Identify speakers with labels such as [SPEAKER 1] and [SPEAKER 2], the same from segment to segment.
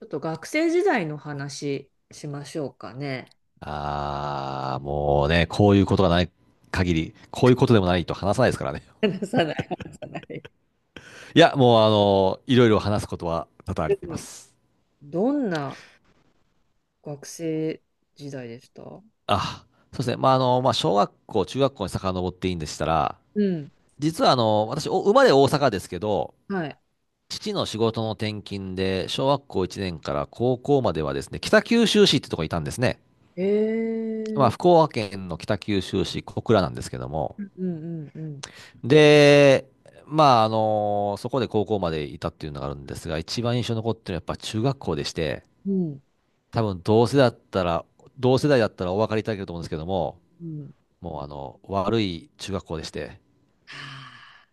[SPEAKER 1] ちょっと学生時代の話しましょうかね。
[SPEAKER 2] ああ、もうね、こういうことがない限り、こういうことでもないと話さないですからね。
[SPEAKER 1] 話さない、話さない。
[SPEAKER 2] いや、もういろいろ話すことは多々あ
[SPEAKER 1] う
[SPEAKER 2] りま
[SPEAKER 1] ん。
[SPEAKER 2] す。
[SPEAKER 1] どんな学生時代でした？
[SPEAKER 2] あ、そうですね。まあ、まあ、小学校、中学校に遡っていいんでしたら、
[SPEAKER 1] うん。
[SPEAKER 2] 実は私、お生まれ大阪ですけど、
[SPEAKER 1] はい。
[SPEAKER 2] 父の仕事の転勤で、小学校1年から高校まではですね、北九州市ってとこにいたんですね。
[SPEAKER 1] え
[SPEAKER 2] まあ、
[SPEAKER 1] ー。
[SPEAKER 2] 福岡県の北九州市小倉なんですけども、
[SPEAKER 1] うんうんうん。
[SPEAKER 2] で、まあ、そこで高校までいたっていうのがあるんですが、一番印象に残ってるのはやっぱ中学校でして、
[SPEAKER 1] うん
[SPEAKER 2] 多分同世代だったらお分かりいただけると思うんですけども、
[SPEAKER 1] うん。
[SPEAKER 2] もう悪い中学校でして、
[SPEAKER 1] はあ。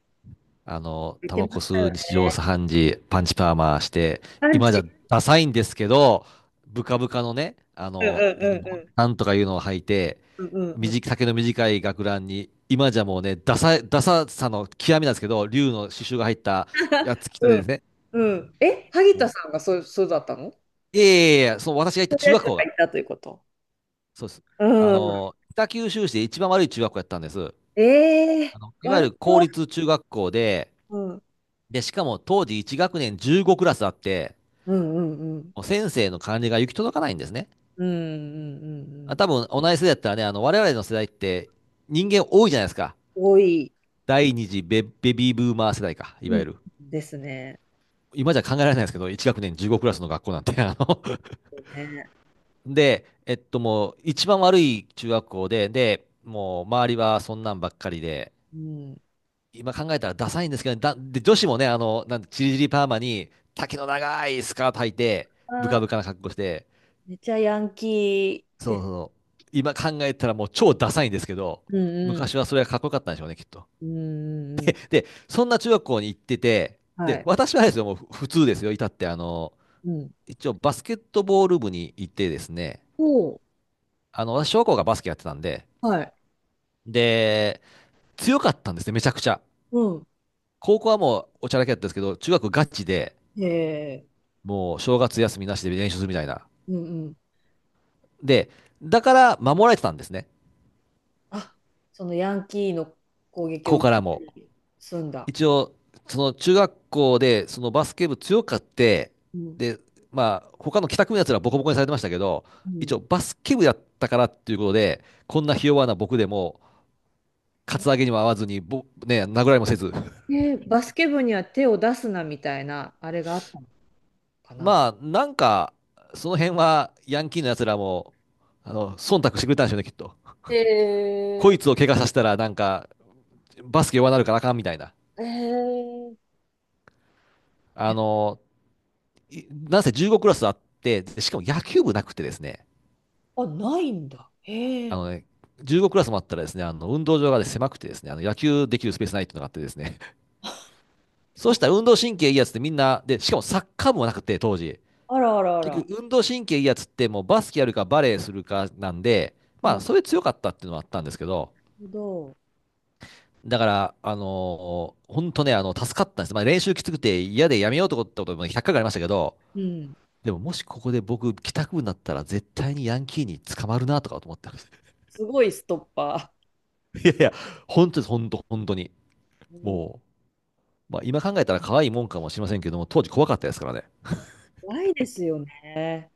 [SPEAKER 1] 言っ
[SPEAKER 2] タ
[SPEAKER 1] て
[SPEAKER 2] バ
[SPEAKER 1] ま
[SPEAKER 2] コ
[SPEAKER 1] した
[SPEAKER 2] 吸
[SPEAKER 1] よ
[SPEAKER 2] う日
[SPEAKER 1] ね。
[SPEAKER 2] 常茶飯事、パンチパーマして、
[SPEAKER 1] パン
[SPEAKER 2] 今じゃ
[SPEAKER 1] チ。
[SPEAKER 2] ダサいんですけど、ブカブカのね、
[SPEAKER 1] うんうんうんうん。
[SPEAKER 2] なんとかいうのを履いて、
[SPEAKER 1] うんうんうん。
[SPEAKER 2] 短い丈の短い学ランに、今じゃもうね、ダサい、ダサさの極みなんですけど、竜の刺繍が入ったや つ着た
[SPEAKER 1] う
[SPEAKER 2] で
[SPEAKER 1] ん
[SPEAKER 2] ですね、
[SPEAKER 1] うん。え、萩田
[SPEAKER 2] も
[SPEAKER 1] さんがそう、そうだったの？そ
[SPEAKER 2] う、いやいやいやいや、その私が行っ
[SPEAKER 1] う
[SPEAKER 2] た
[SPEAKER 1] いう
[SPEAKER 2] 中
[SPEAKER 1] やつ
[SPEAKER 2] 学校
[SPEAKER 1] が
[SPEAKER 2] が、
[SPEAKER 1] いたということ。
[SPEAKER 2] そうです。
[SPEAKER 1] うん。
[SPEAKER 2] 北九州市で一番悪い中学校やったんです。
[SPEAKER 1] ええー。
[SPEAKER 2] いわゆ
[SPEAKER 1] 悪
[SPEAKER 2] る公
[SPEAKER 1] そう。
[SPEAKER 2] 立中学校で、
[SPEAKER 1] うん。
[SPEAKER 2] で、しかも当時1学年15クラスあって、
[SPEAKER 1] うんうんうん
[SPEAKER 2] 先生の管理が行き届かないんですね。
[SPEAKER 1] うんうんうんうん。
[SPEAKER 2] 多分同じ世代だったらね、我々の世代って人間多いじゃないですか。
[SPEAKER 1] 多い。
[SPEAKER 2] 第二次ベビーブーマー世代か、い
[SPEAKER 1] う
[SPEAKER 2] わ
[SPEAKER 1] ん、
[SPEAKER 2] ゆる。
[SPEAKER 1] ですね。
[SPEAKER 2] 今じゃ考えられないですけど、1学年15クラスの学校なんて、
[SPEAKER 1] ね。
[SPEAKER 2] で、もう一番悪い中学校で、で、もう周りはそんなんばっかりで、
[SPEAKER 1] うん。
[SPEAKER 2] 今考えたらダサいんですけど、で、女子もね、なんて、チリチリパーマに、丈の長いスカート履いて、ブ
[SPEAKER 1] あ
[SPEAKER 2] カ
[SPEAKER 1] ー、
[SPEAKER 2] ブカな格好して、
[SPEAKER 1] めっちゃヤンキー
[SPEAKER 2] そう
[SPEAKER 1] で。
[SPEAKER 2] そう。今考えたらもう超ダサいんですけど、
[SPEAKER 1] うんうん。
[SPEAKER 2] 昔はそれがかっこよかったんでしょうね、きっと。
[SPEAKER 1] うんうんうん。
[SPEAKER 2] で、そんな中学校に行ってて、
[SPEAKER 1] は
[SPEAKER 2] で、
[SPEAKER 1] い。
[SPEAKER 2] 私はあれですよ、もう普通ですよ、いたって、
[SPEAKER 1] うん。
[SPEAKER 2] 一応バスケットボール部に行ってですね、
[SPEAKER 1] おう、
[SPEAKER 2] 私、小学校がバスケやってたんで、
[SPEAKER 1] はい。
[SPEAKER 2] で、強かったんですね、めちゃくちゃ。
[SPEAKER 1] うん。
[SPEAKER 2] 高校はもうおちゃらけだったんですけど、中学ガチで、
[SPEAKER 1] へえ、
[SPEAKER 2] もう正月休みなしで練習するみたいな。
[SPEAKER 1] うんうん。
[SPEAKER 2] で、だから守られてたんですね、
[SPEAKER 1] あ、そのヤンキーの攻撃
[SPEAKER 2] こ
[SPEAKER 1] を
[SPEAKER 2] こ
[SPEAKER 1] 受
[SPEAKER 2] から
[SPEAKER 1] け
[SPEAKER 2] も。
[SPEAKER 1] て済んだ。
[SPEAKER 2] 一応、その中学校でそのバスケ部強かって、
[SPEAKER 1] うん。
[SPEAKER 2] で、まあ、他の帰宅部のやつらボコボコにされてましたけど、
[SPEAKER 1] う
[SPEAKER 2] 一
[SPEAKER 1] ん。
[SPEAKER 2] 応バスケ部やったからっていうことで、こんなひ弱な僕でも、カツアゲにも合わずに、ね、殴られもせず。
[SPEAKER 1] で、バスケ部には手を出すなみたいな、あれがあったのか な。
[SPEAKER 2] まあ、なんか、その辺はヤンキーのやつらも、忖度してくれたんでしょうね、きっと。
[SPEAKER 1] へ
[SPEAKER 2] こ
[SPEAKER 1] え
[SPEAKER 2] いつを怪我させたら、なんか、バスケ弱なるからあかんみたいな。
[SPEAKER 1] ー、えー、
[SPEAKER 2] あ
[SPEAKER 1] え。
[SPEAKER 2] の、なんせ15クラスあって、でしかも野球部なくてですね、
[SPEAKER 1] あ、ないんだ。へえ
[SPEAKER 2] あ
[SPEAKER 1] ー。
[SPEAKER 2] のね、15クラスもあったらですね、運動場が、ね、狭くてですね、野球できるスペースないっていうのがあってですね、そ
[SPEAKER 1] あ、
[SPEAKER 2] うしたら運動神経いいやつってみんな、で、しかもサッカー部もなくて、当時。
[SPEAKER 1] あらあらあ
[SPEAKER 2] 結
[SPEAKER 1] ら。
[SPEAKER 2] 局、運動神経いいやつってもうバスケやるかバレーするかなんで、
[SPEAKER 1] な
[SPEAKER 2] まあ、
[SPEAKER 1] る
[SPEAKER 2] それ強かったっていうのもあったんですけど、
[SPEAKER 1] ほど。
[SPEAKER 2] だから、本当ね、助かったんです。まあ、練習きつくて嫌でやめようと思ったことも100回ぐらいありましたけど、
[SPEAKER 1] うん。
[SPEAKER 2] でももしここで僕、帰宅部になったら絶対にヤンキーに捕まるなとかと思ってます。
[SPEAKER 1] すごいストッパ
[SPEAKER 2] いやいや、本当です、本当、本当に。
[SPEAKER 1] ー。うん、
[SPEAKER 2] もう、まあ、今考えたら可愛いもんかもしれませんけども、当時怖かったですからね。
[SPEAKER 1] 怖いですよね。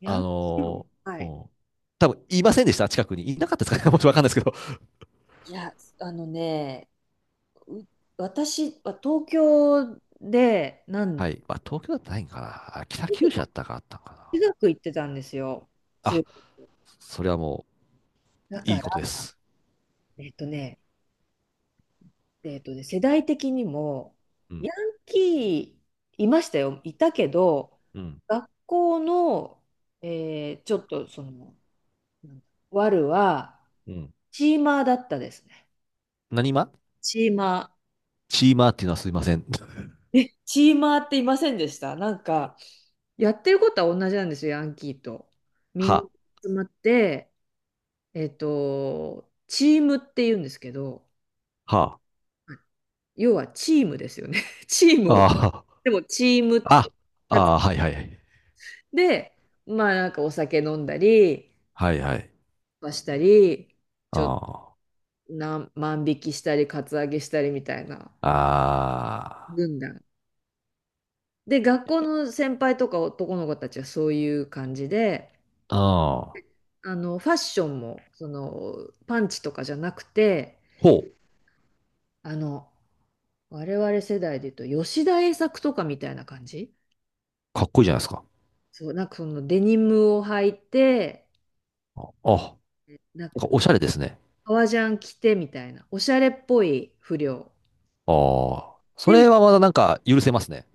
[SPEAKER 1] ヤ
[SPEAKER 2] あ
[SPEAKER 1] ンキー。
[SPEAKER 2] の
[SPEAKER 1] はい。
[SPEAKER 2] うん、多分いませんでした、近くに。いなかったですかね、もちろんわかんないですけど。
[SPEAKER 1] いや、あのね、う、私は東京で、な
[SPEAKER 2] は
[SPEAKER 1] ん、
[SPEAKER 2] い。まあ、東京だったらないんかな。北九州だったかあったんかな。
[SPEAKER 1] 中学行ってたんですよ。
[SPEAKER 2] あ、
[SPEAKER 1] 中、
[SPEAKER 2] それはも
[SPEAKER 1] だ
[SPEAKER 2] う、い
[SPEAKER 1] か
[SPEAKER 2] いことで
[SPEAKER 1] ら、
[SPEAKER 2] す。
[SPEAKER 1] えっとね、えっとね、世代的にも、
[SPEAKER 2] うん、
[SPEAKER 1] ヤンキーいましたよ。いたけど、
[SPEAKER 2] うん、
[SPEAKER 1] 学校の、えーちょっとその、なんだワルは、
[SPEAKER 2] うん。
[SPEAKER 1] チーマーだったですね。
[SPEAKER 2] 何、
[SPEAKER 1] チーマ
[SPEAKER 2] チーマーっていうのはすいません。
[SPEAKER 1] ー。え、チーマーっていませんでした？なんか、やってることは同じなんですよ、ヤンキーと。みんな
[SPEAKER 2] は、
[SPEAKER 1] 集まって、えっと、チームって言うんですけど、
[SPEAKER 2] は、
[SPEAKER 1] 要はチームですよね。チームを、
[SPEAKER 2] あ、
[SPEAKER 1] でもチームっ
[SPEAKER 2] あ、
[SPEAKER 1] て、
[SPEAKER 2] あ、はいはいはい。
[SPEAKER 1] で、まあなんかお酒飲んだり、
[SPEAKER 2] はいはい。
[SPEAKER 1] したり、ちょっと
[SPEAKER 2] あ
[SPEAKER 1] 何万引きしたり、カツアゲしたりみたいな
[SPEAKER 2] あ、あ
[SPEAKER 1] 軍団。で、学校の先輩とか男の子たちはそういう感じで、
[SPEAKER 2] あ、ああ、
[SPEAKER 1] ファッションも、その、パンチとかじゃなくて、
[SPEAKER 2] ほう、
[SPEAKER 1] あの、我々世代で言うと、吉田栄作とかみたいな感じ。
[SPEAKER 2] かっこいいじゃないですか。
[SPEAKER 1] そう、なんかそのデニムを履いて、
[SPEAKER 2] ああ、
[SPEAKER 1] なんか
[SPEAKER 2] おしゃれですね。
[SPEAKER 1] 革ジャン着てみたいな、おしゃれっぽい不良。
[SPEAKER 2] ああ。そ
[SPEAKER 1] でも、
[SPEAKER 2] れはまだなんか許せますね。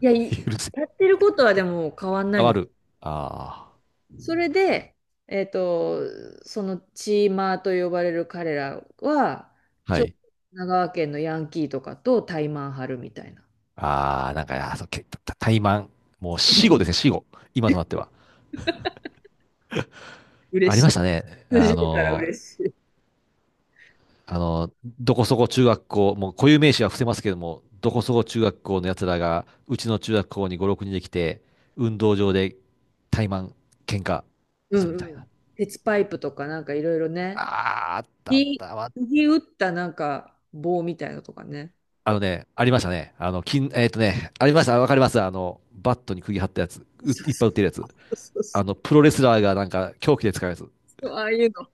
[SPEAKER 1] いや、い
[SPEAKER 2] 許せ。
[SPEAKER 1] やってることはでも変わんな
[SPEAKER 2] あ
[SPEAKER 1] い
[SPEAKER 2] わ
[SPEAKER 1] ん、
[SPEAKER 2] る。あ
[SPEAKER 1] それで、えっと、そのチーマーと呼ばれる彼らは、
[SPEAKER 2] あ。は
[SPEAKER 1] ちょっと
[SPEAKER 2] い。
[SPEAKER 1] 神奈川県のヤンキーとかと対マン張るみたいな。
[SPEAKER 2] ああ、なんか、あーそう、怠慢。もう死後ですね、死後。今となっては。あ
[SPEAKER 1] 嬉
[SPEAKER 2] り
[SPEAKER 1] しい。
[SPEAKER 2] ましたね。
[SPEAKER 1] 通じるから嬉しい。
[SPEAKER 2] あのどこそこ中学校、もう固有名詞は伏せますけども、どこそこ中学校の奴らが、うちの中学校に五六人で来て、運動場で怠慢、喧嘩
[SPEAKER 1] う
[SPEAKER 2] するみたい
[SPEAKER 1] んう
[SPEAKER 2] な。
[SPEAKER 1] ん。鉄パイプとかなんかいろいろ
[SPEAKER 2] あ
[SPEAKER 1] ね。
[SPEAKER 2] あ、あったあっ
[SPEAKER 1] 釘、
[SPEAKER 2] た。まあ
[SPEAKER 1] 釘打ったなんか棒みたいなのとかね。
[SPEAKER 2] ありましたね。ありました。わかります。バットに釘張ったやつ。
[SPEAKER 1] そう
[SPEAKER 2] う
[SPEAKER 1] そ
[SPEAKER 2] いっぱい売ってるやつ。
[SPEAKER 1] うそうそう
[SPEAKER 2] プロレスラーがなんか凶器で使うやつ。
[SPEAKER 1] そう。ああいうの。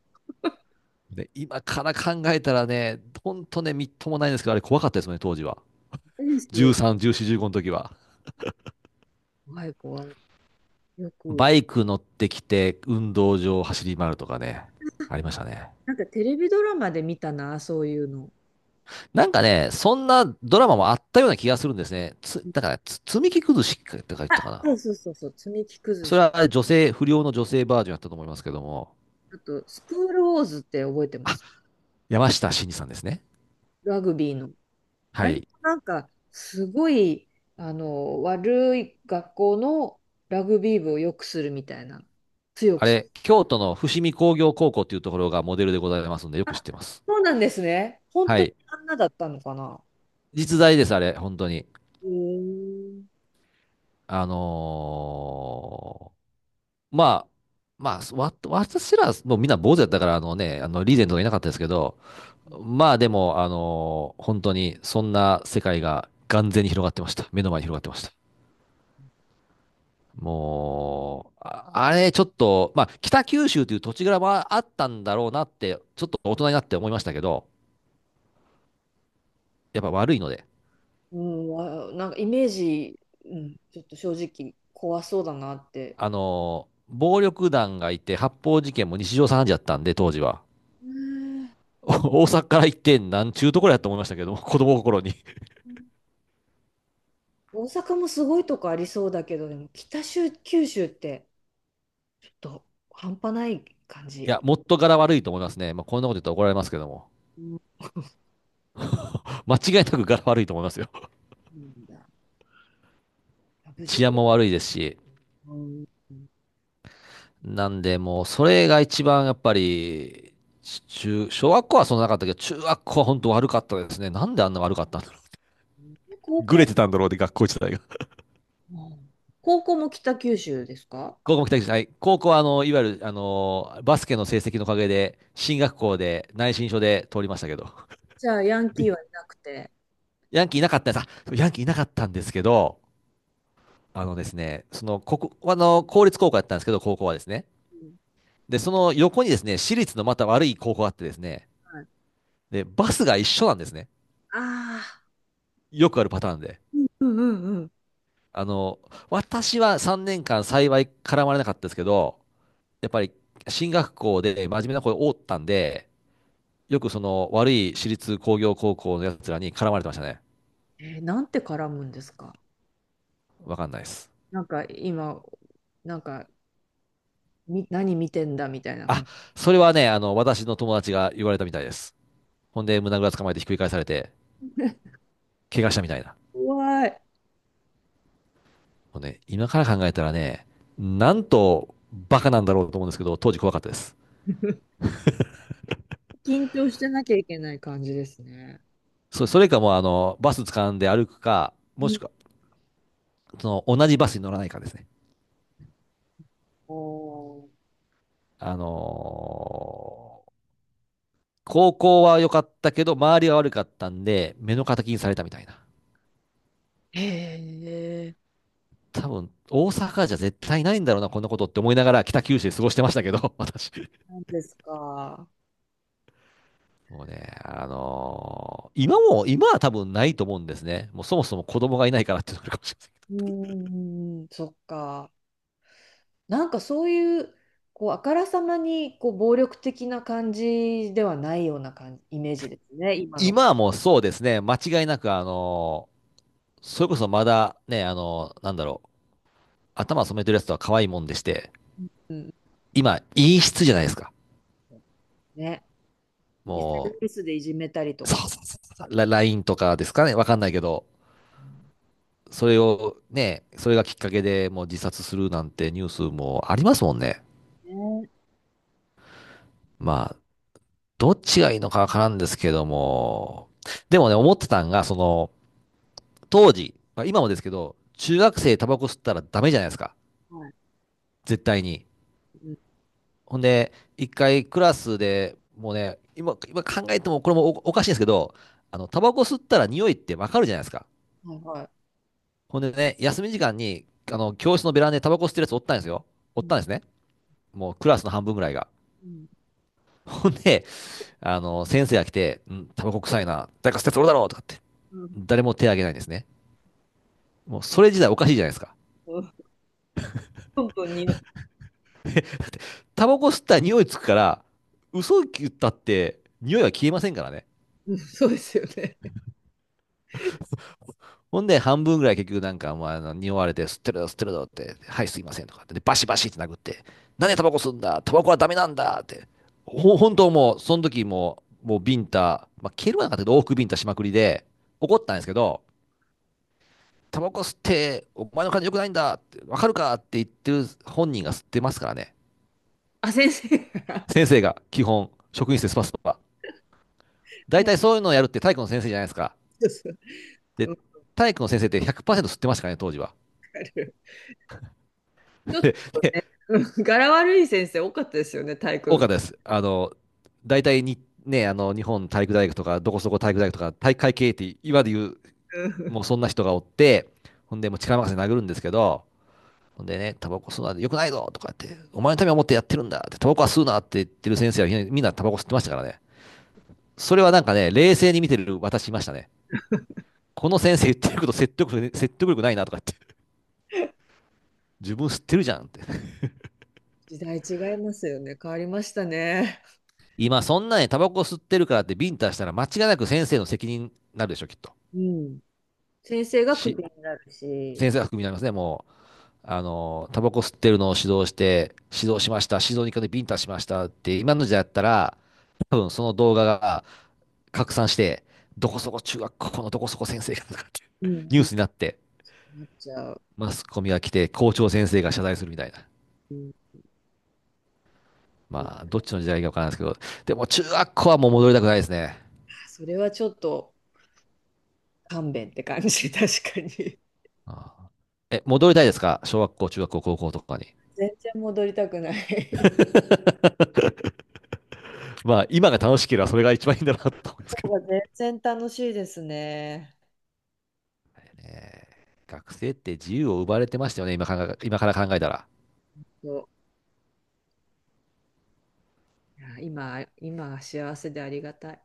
[SPEAKER 2] で、今から考えたらね、ほんとね、みっともないんですけど、あれ怖かったですね、当時は。
[SPEAKER 1] いいですよ。
[SPEAKER 2] 13、14、15の時は。
[SPEAKER 1] 怖い怖い。よく。
[SPEAKER 2] バイク乗ってきて、運動場を走り回るとかね、ありましたね。
[SPEAKER 1] なんかテレビドラマで見たな、そういうの。
[SPEAKER 2] なんかね、そんなドラマもあったような気がするんですね。だから、積み木崩しってか言っ
[SPEAKER 1] あ、
[SPEAKER 2] たかな。
[SPEAKER 1] そうそうそうそう、積み木崩
[SPEAKER 2] それ
[SPEAKER 1] し。
[SPEAKER 2] は女性、不良の女性バージョンやったと思いますけども、
[SPEAKER 1] あと、スクールウォーズって覚えてます？
[SPEAKER 2] 山下真司さんですね。
[SPEAKER 1] ラグビーの。
[SPEAKER 2] は
[SPEAKER 1] あれも
[SPEAKER 2] い。
[SPEAKER 1] なんか、すごい、悪い学校のラグビー部を良くするみたいな。強
[SPEAKER 2] あ
[SPEAKER 1] くする。
[SPEAKER 2] れ、京都の伏見工業高校っていうところがモデルでございますので、よく知っ
[SPEAKER 1] あ、
[SPEAKER 2] てます。
[SPEAKER 1] そうなんですね。本
[SPEAKER 2] は
[SPEAKER 1] 当に
[SPEAKER 2] い。
[SPEAKER 1] あんなだったのかな。
[SPEAKER 2] 実在です、あれ、本当に。
[SPEAKER 1] うーん。
[SPEAKER 2] あのーまあ、私ら、もうみんな坊主だったから、あのね、リーゼントがいなかったですけど、まあでも、本当に、そんな世界が眼前に広がってました。目の前に広がってました。もう、あれ、ちょっと、まあ、北九州という土地柄はあったんだろうなって、ちょっと大人になって思いましたけど、やっぱ悪いので、
[SPEAKER 1] うん、あ、なんかイメージ、うん、ちょっと正直怖そうだなって。
[SPEAKER 2] 暴力団がいて、発砲事件も日常茶飯事だったんで、当時は。
[SPEAKER 1] うん。
[SPEAKER 2] 大阪から行って、なんちゅうところやと思いましたけども、子供心に。い
[SPEAKER 1] 大阪もすごいとこありそうだけど、でも北州、九州ってちょっと半端ない感じ。
[SPEAKER 2] や、もっと柄悪いと思いますね。まあ、こんなこと言ったら怒られますけども。
[SPEAKER 1] うん。
[SPEAKER 2] 間違いなく柄悪いと思いますよ。
[SPEAKER 1] なんだ。あ、 無事
[SPEAKER 2] 治安も
[SPEAKER 1] で。
[SPEAKER 2] 悪いですし。
[SPEAKER 1] うん。
[SPEAKER 2] なんで、もう、それが一番やっぱり、小学校はそんななかったけど、中学校は本当悪かったですね。なんであんな悪かったんだろう。
[SPEAKER 1] で高
[SPEAKER 2] ぐれ
[SPEAKER 1] 校、
[SPEAKER 2] てたんだろうで、学校時代が。
[SPEAKER 1] うん、高校も北九州ですか？
[SPEAKER 2] 高校も期待して、はい。高校は、いわゆる、バスケの成績のおかげで、進学校で内申書で通りましたけど、
[SPEAKER 1] じゃあ、ヤンキーはいなくて。
[SPEAKER 2] ヤンキーいなかったんです。ヤンキーいなかったんですけど、あのですね、その、ここ、あの、公立高校だったんですけど、高校はですね。
[SPEAKER 1] うん。
[SPEAKER 2] で、その横にですね、私立のまた悪い高校があってですね、
[SPEAKER 1] はい、
[SPEAKER 2] で、バスが一緒なんですね。
[SPEAKER 1] ああ、
[SPEAKER 2] よくあるパターンで。
[SPEAKER 1] うんうんうんうん。
[SPEAKER 2] あの、私は3年間幸い絡まれなかったですけど、やっぱり進学校で真面目な子が多かったんで、よくその悪い私立工業高校のやつらに絡まれてましたね。
[SPEAKER 1] えー、なんて絡むんですか？
[SPEAKER 2] わかんないです。
[SPEAKER 1] なんか今、なんか、み、何見てんだみたいな感
[SPEAKER 2] あ、
[SPEAKER 1] じ。
[SPEAKER 2] それはね、私の友達が言われたみたいです。ほんで、胸ぐらつかまえてひっくり返されて、怪我したみたいな。
[SPEAKER 1] 怖い。
[SPEAKER 2] もうね、今から考えたらね、なんとバカなんだろうと思うんですけど、当時怖かったです。
[SPEAKER 1] 緊張してなきゃいけない感じですね。
[SPEAKER 2] それかもうあの、バス掴んで歩くか、
[SPEAKER 1] う
[SPEAKER 2] もし
[SPEAKER 1] ん。
[SPEAKER 2] くは、その、同じバスに乗らないかですね。
[SPEAKER 1] おー、
[SPEAKER 2] あのー高校は良かったけど、周りが悪かったんで、目の敵にされたみたいな。
[SPEAKER 1] へえ、
[SPEAKER 2] 多分、大阪じゃ絶対ないんだろうな、こんなことって思いながら北九州で過ごしてましたけど、私。
[SPEAKER 1] なんですか。
[SPEAKER 2] もうね、今も、今は多分ないと思うんですね。もうそもそも子供がいないからっていうのがあるかもしれませんけ
[SPEAKER 1] う
[SPEAKER 2] ど。
[SPEAKER 1] ーん、そっか。なんかそういう、こう、あからさまに、こう、暴力的な感じではないような感じ、イメージですね、今の。
[SPEAKER 2] 今はもうそうですね、間違いなく、それこそまだね、頭染めてるやつとは可愛いもんでして、
[SPEAKER 1] うん。
[SPEAKER 2] 今、陰湿じゃないですか。
[SPEAKER 1] ね。
[SPEAKER 2] も
[SPEAKER 1] SNS でいじめたりと
[SPEAKER 2] う、そう
[SPEAKER 1] か。
[SPEAKER 2] そうそうそう、LINE とかですかね、わかんないけど、
[SPEAKER 1] うん。
[SPEAKER 2] それをね、それがきっかけでもう自殺するなんてニュースもありますもんね。
[SPEAKER 1] ね。うん。
[SPEAKER 2] まあ、どっちがいいのかわからんですけども、でもね、思ってたんが、その、当時、まあ、今もですけど、中学生タバコ吸ったらダメじゃないですか。
[SPEAKER 1] はい。
[SPEAKER 2] 絶対に。
[SPEAKER 1] うん。
[SPEAKER 2] ほんで、一回クラスでもうね、今考えてもこれもお、おかしいんですけど、あの、タバコ吸ったら匂いってわかるじゃないですか。
[SPEAKER 1] はいはい。
[SPEAKER 2] ほんでね、休み時間に、あの、教室のベランダでタバコ吸ってるやつおったんですよ。お
[SPEAKER 1] う
[SPEAKER 2] っ
[SPEAKER 1] ん
[SPEAKER 2] たんですね。もうクラスの半分ぐらいが。
[SPEAKER 1] うん
[SPEAKER 2] ほんで、あの、先生が来て、うん、タバコ臭いな、誰か吸ったやつおるだろうとかって、
[SPEAKER 1] うん
[SPEAKER 2] 誰も手挙げないんですね。もうそれ自体おかしいじゃないですか。
[SPEAKER 1] うん、本当に。
[SPEAKER 2] タバコ吸ったら匂いつくから、嘘言ったって匂いは消えませんからね。
[SPEAKER 1] うん、そうですよね。
[SPEAKER 2] ほんで、半分ぐらい結局なんか、まあ、あの匂われて、吸ってるぞ、吸ってるぞって、はい、すいませんとかって、で、バシバシって殴って、なん
[SPEAKER 1] うん。
[SPEAKER 2] でタバコ吸うんだタバコはダメなんだって。本当もう、その時もう、もうビンタ、まあ、蹴るはなかったけど、往復ビンタしまくりで、怒ったんですけど、タバコ吸って、お前の感じ良くないんだって、わかるかって言ってる本人が吸ってますからね。
[SPEAKER 1] あ、先生が。
[SPEAKER 2] 先生が、基本、職員室でスパスパ
[SPEAKER 1] う
[SPEAKER 2] 大
[SPEAKER 1] ん。
[SPEAKER 2] 体そういうのをやるって体育の先生じゃないですか。
[SPEAKER 1] そうそう。
[SPEAKER 2] で、
[SPEAKER 1] わ
[SPEAKER 2] 体育の先生って100%吸ってましたからね、当時は。
[SPEAKER 1] かる。ちょっ と
[SPEAKER 2] で、
[SPEAKER 1] ね、うん、柄悪い先生多かったですよね、体育
[SPEAKER 2] 多
[SPEAKER 1] の。
[SPEAKER 2] かったです。あの、大体に、ね、あの、日本体育大学とか、どこそこ体育大学とか、体育会系って今で言う、もうそんな人がおって、ほんで、もう力任せに殴るんですけど、ほんでね、タバコ吸うのは良くないぞとかって、お前のためを思ってやってるんだって、タバコは吸うなって言ってる先生はみんなみんなタバコ吸ってましたからね。それはなんかね、冷静に見てる私いましたね。この先生言ってること説得力ないなとかって、自分吸ってるじゃんって。
[SPEAKER 1] 時代違いますよね。変わりましたね。
[SPEAKER 2] 今そんなにタバコ吸ってるからってビンタしたら間違いなく先生の責任になるでしょ、きっと。
[SPEAKER 1] うん。先生がク
[SPEAKER 2] し、
[SPEAKER 1] ビになるし、
[SPEAKER 2] 先生が含みになりますね、もう。あの、タバコ吸ってるのを指導して、指導しました、指導に行かでビンタしましたって、今の時代だったら、多分その動画が拡散して、どこそこ中学校のどこそこ先生がとかっていう
[SPEAKER 1] うん、
[SPEAKER 2] ニュ
[SPEAKER 1] う
[SPEAKER 2] ー
[SPEAKER 1] ん、
[SPEAKER 2] スになって、
[SPEAKER 1] なっちゃう。
[SPEAKER 2] マスコミが来て校長先生が謝罪するみたいな。
[SPEAKER 1] うんう
[SPEAKER 2] まあ、
[SPEAKER 1] ん。
[SPEAKER 2] どっちの時代かわからないですけど、でも中学校はもう戻りたくないですね。
[SPEAKER 1] それはちょっと勘弁って感じ、確かに。
[SPEAKER 2] ああえ、戻りたいですか小学校、中学校、高校とかに。
[SPEAKER 1] 全然戻りたくない
[SPEAKER 2] まあ、今が楽しければそれが一番いいんだなと思うんです
[SPEAKER 1] 方
[SPEAKER 2] けど。
[SPEAKER 1] が全然楽しいですね。
[SPEAKER 2] 学生って自由を奪われてましたよね、今から考えたら。
[SPEAKER 1] そう、いや今、今は幸せでありがたい。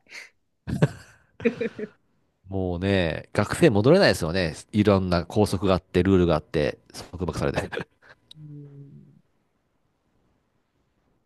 [SPEAKER 2] もうね、学生戻れないですよね。いろんな拘束があって、ルールがあって、束縛されて。
[SPEAKER 1] うん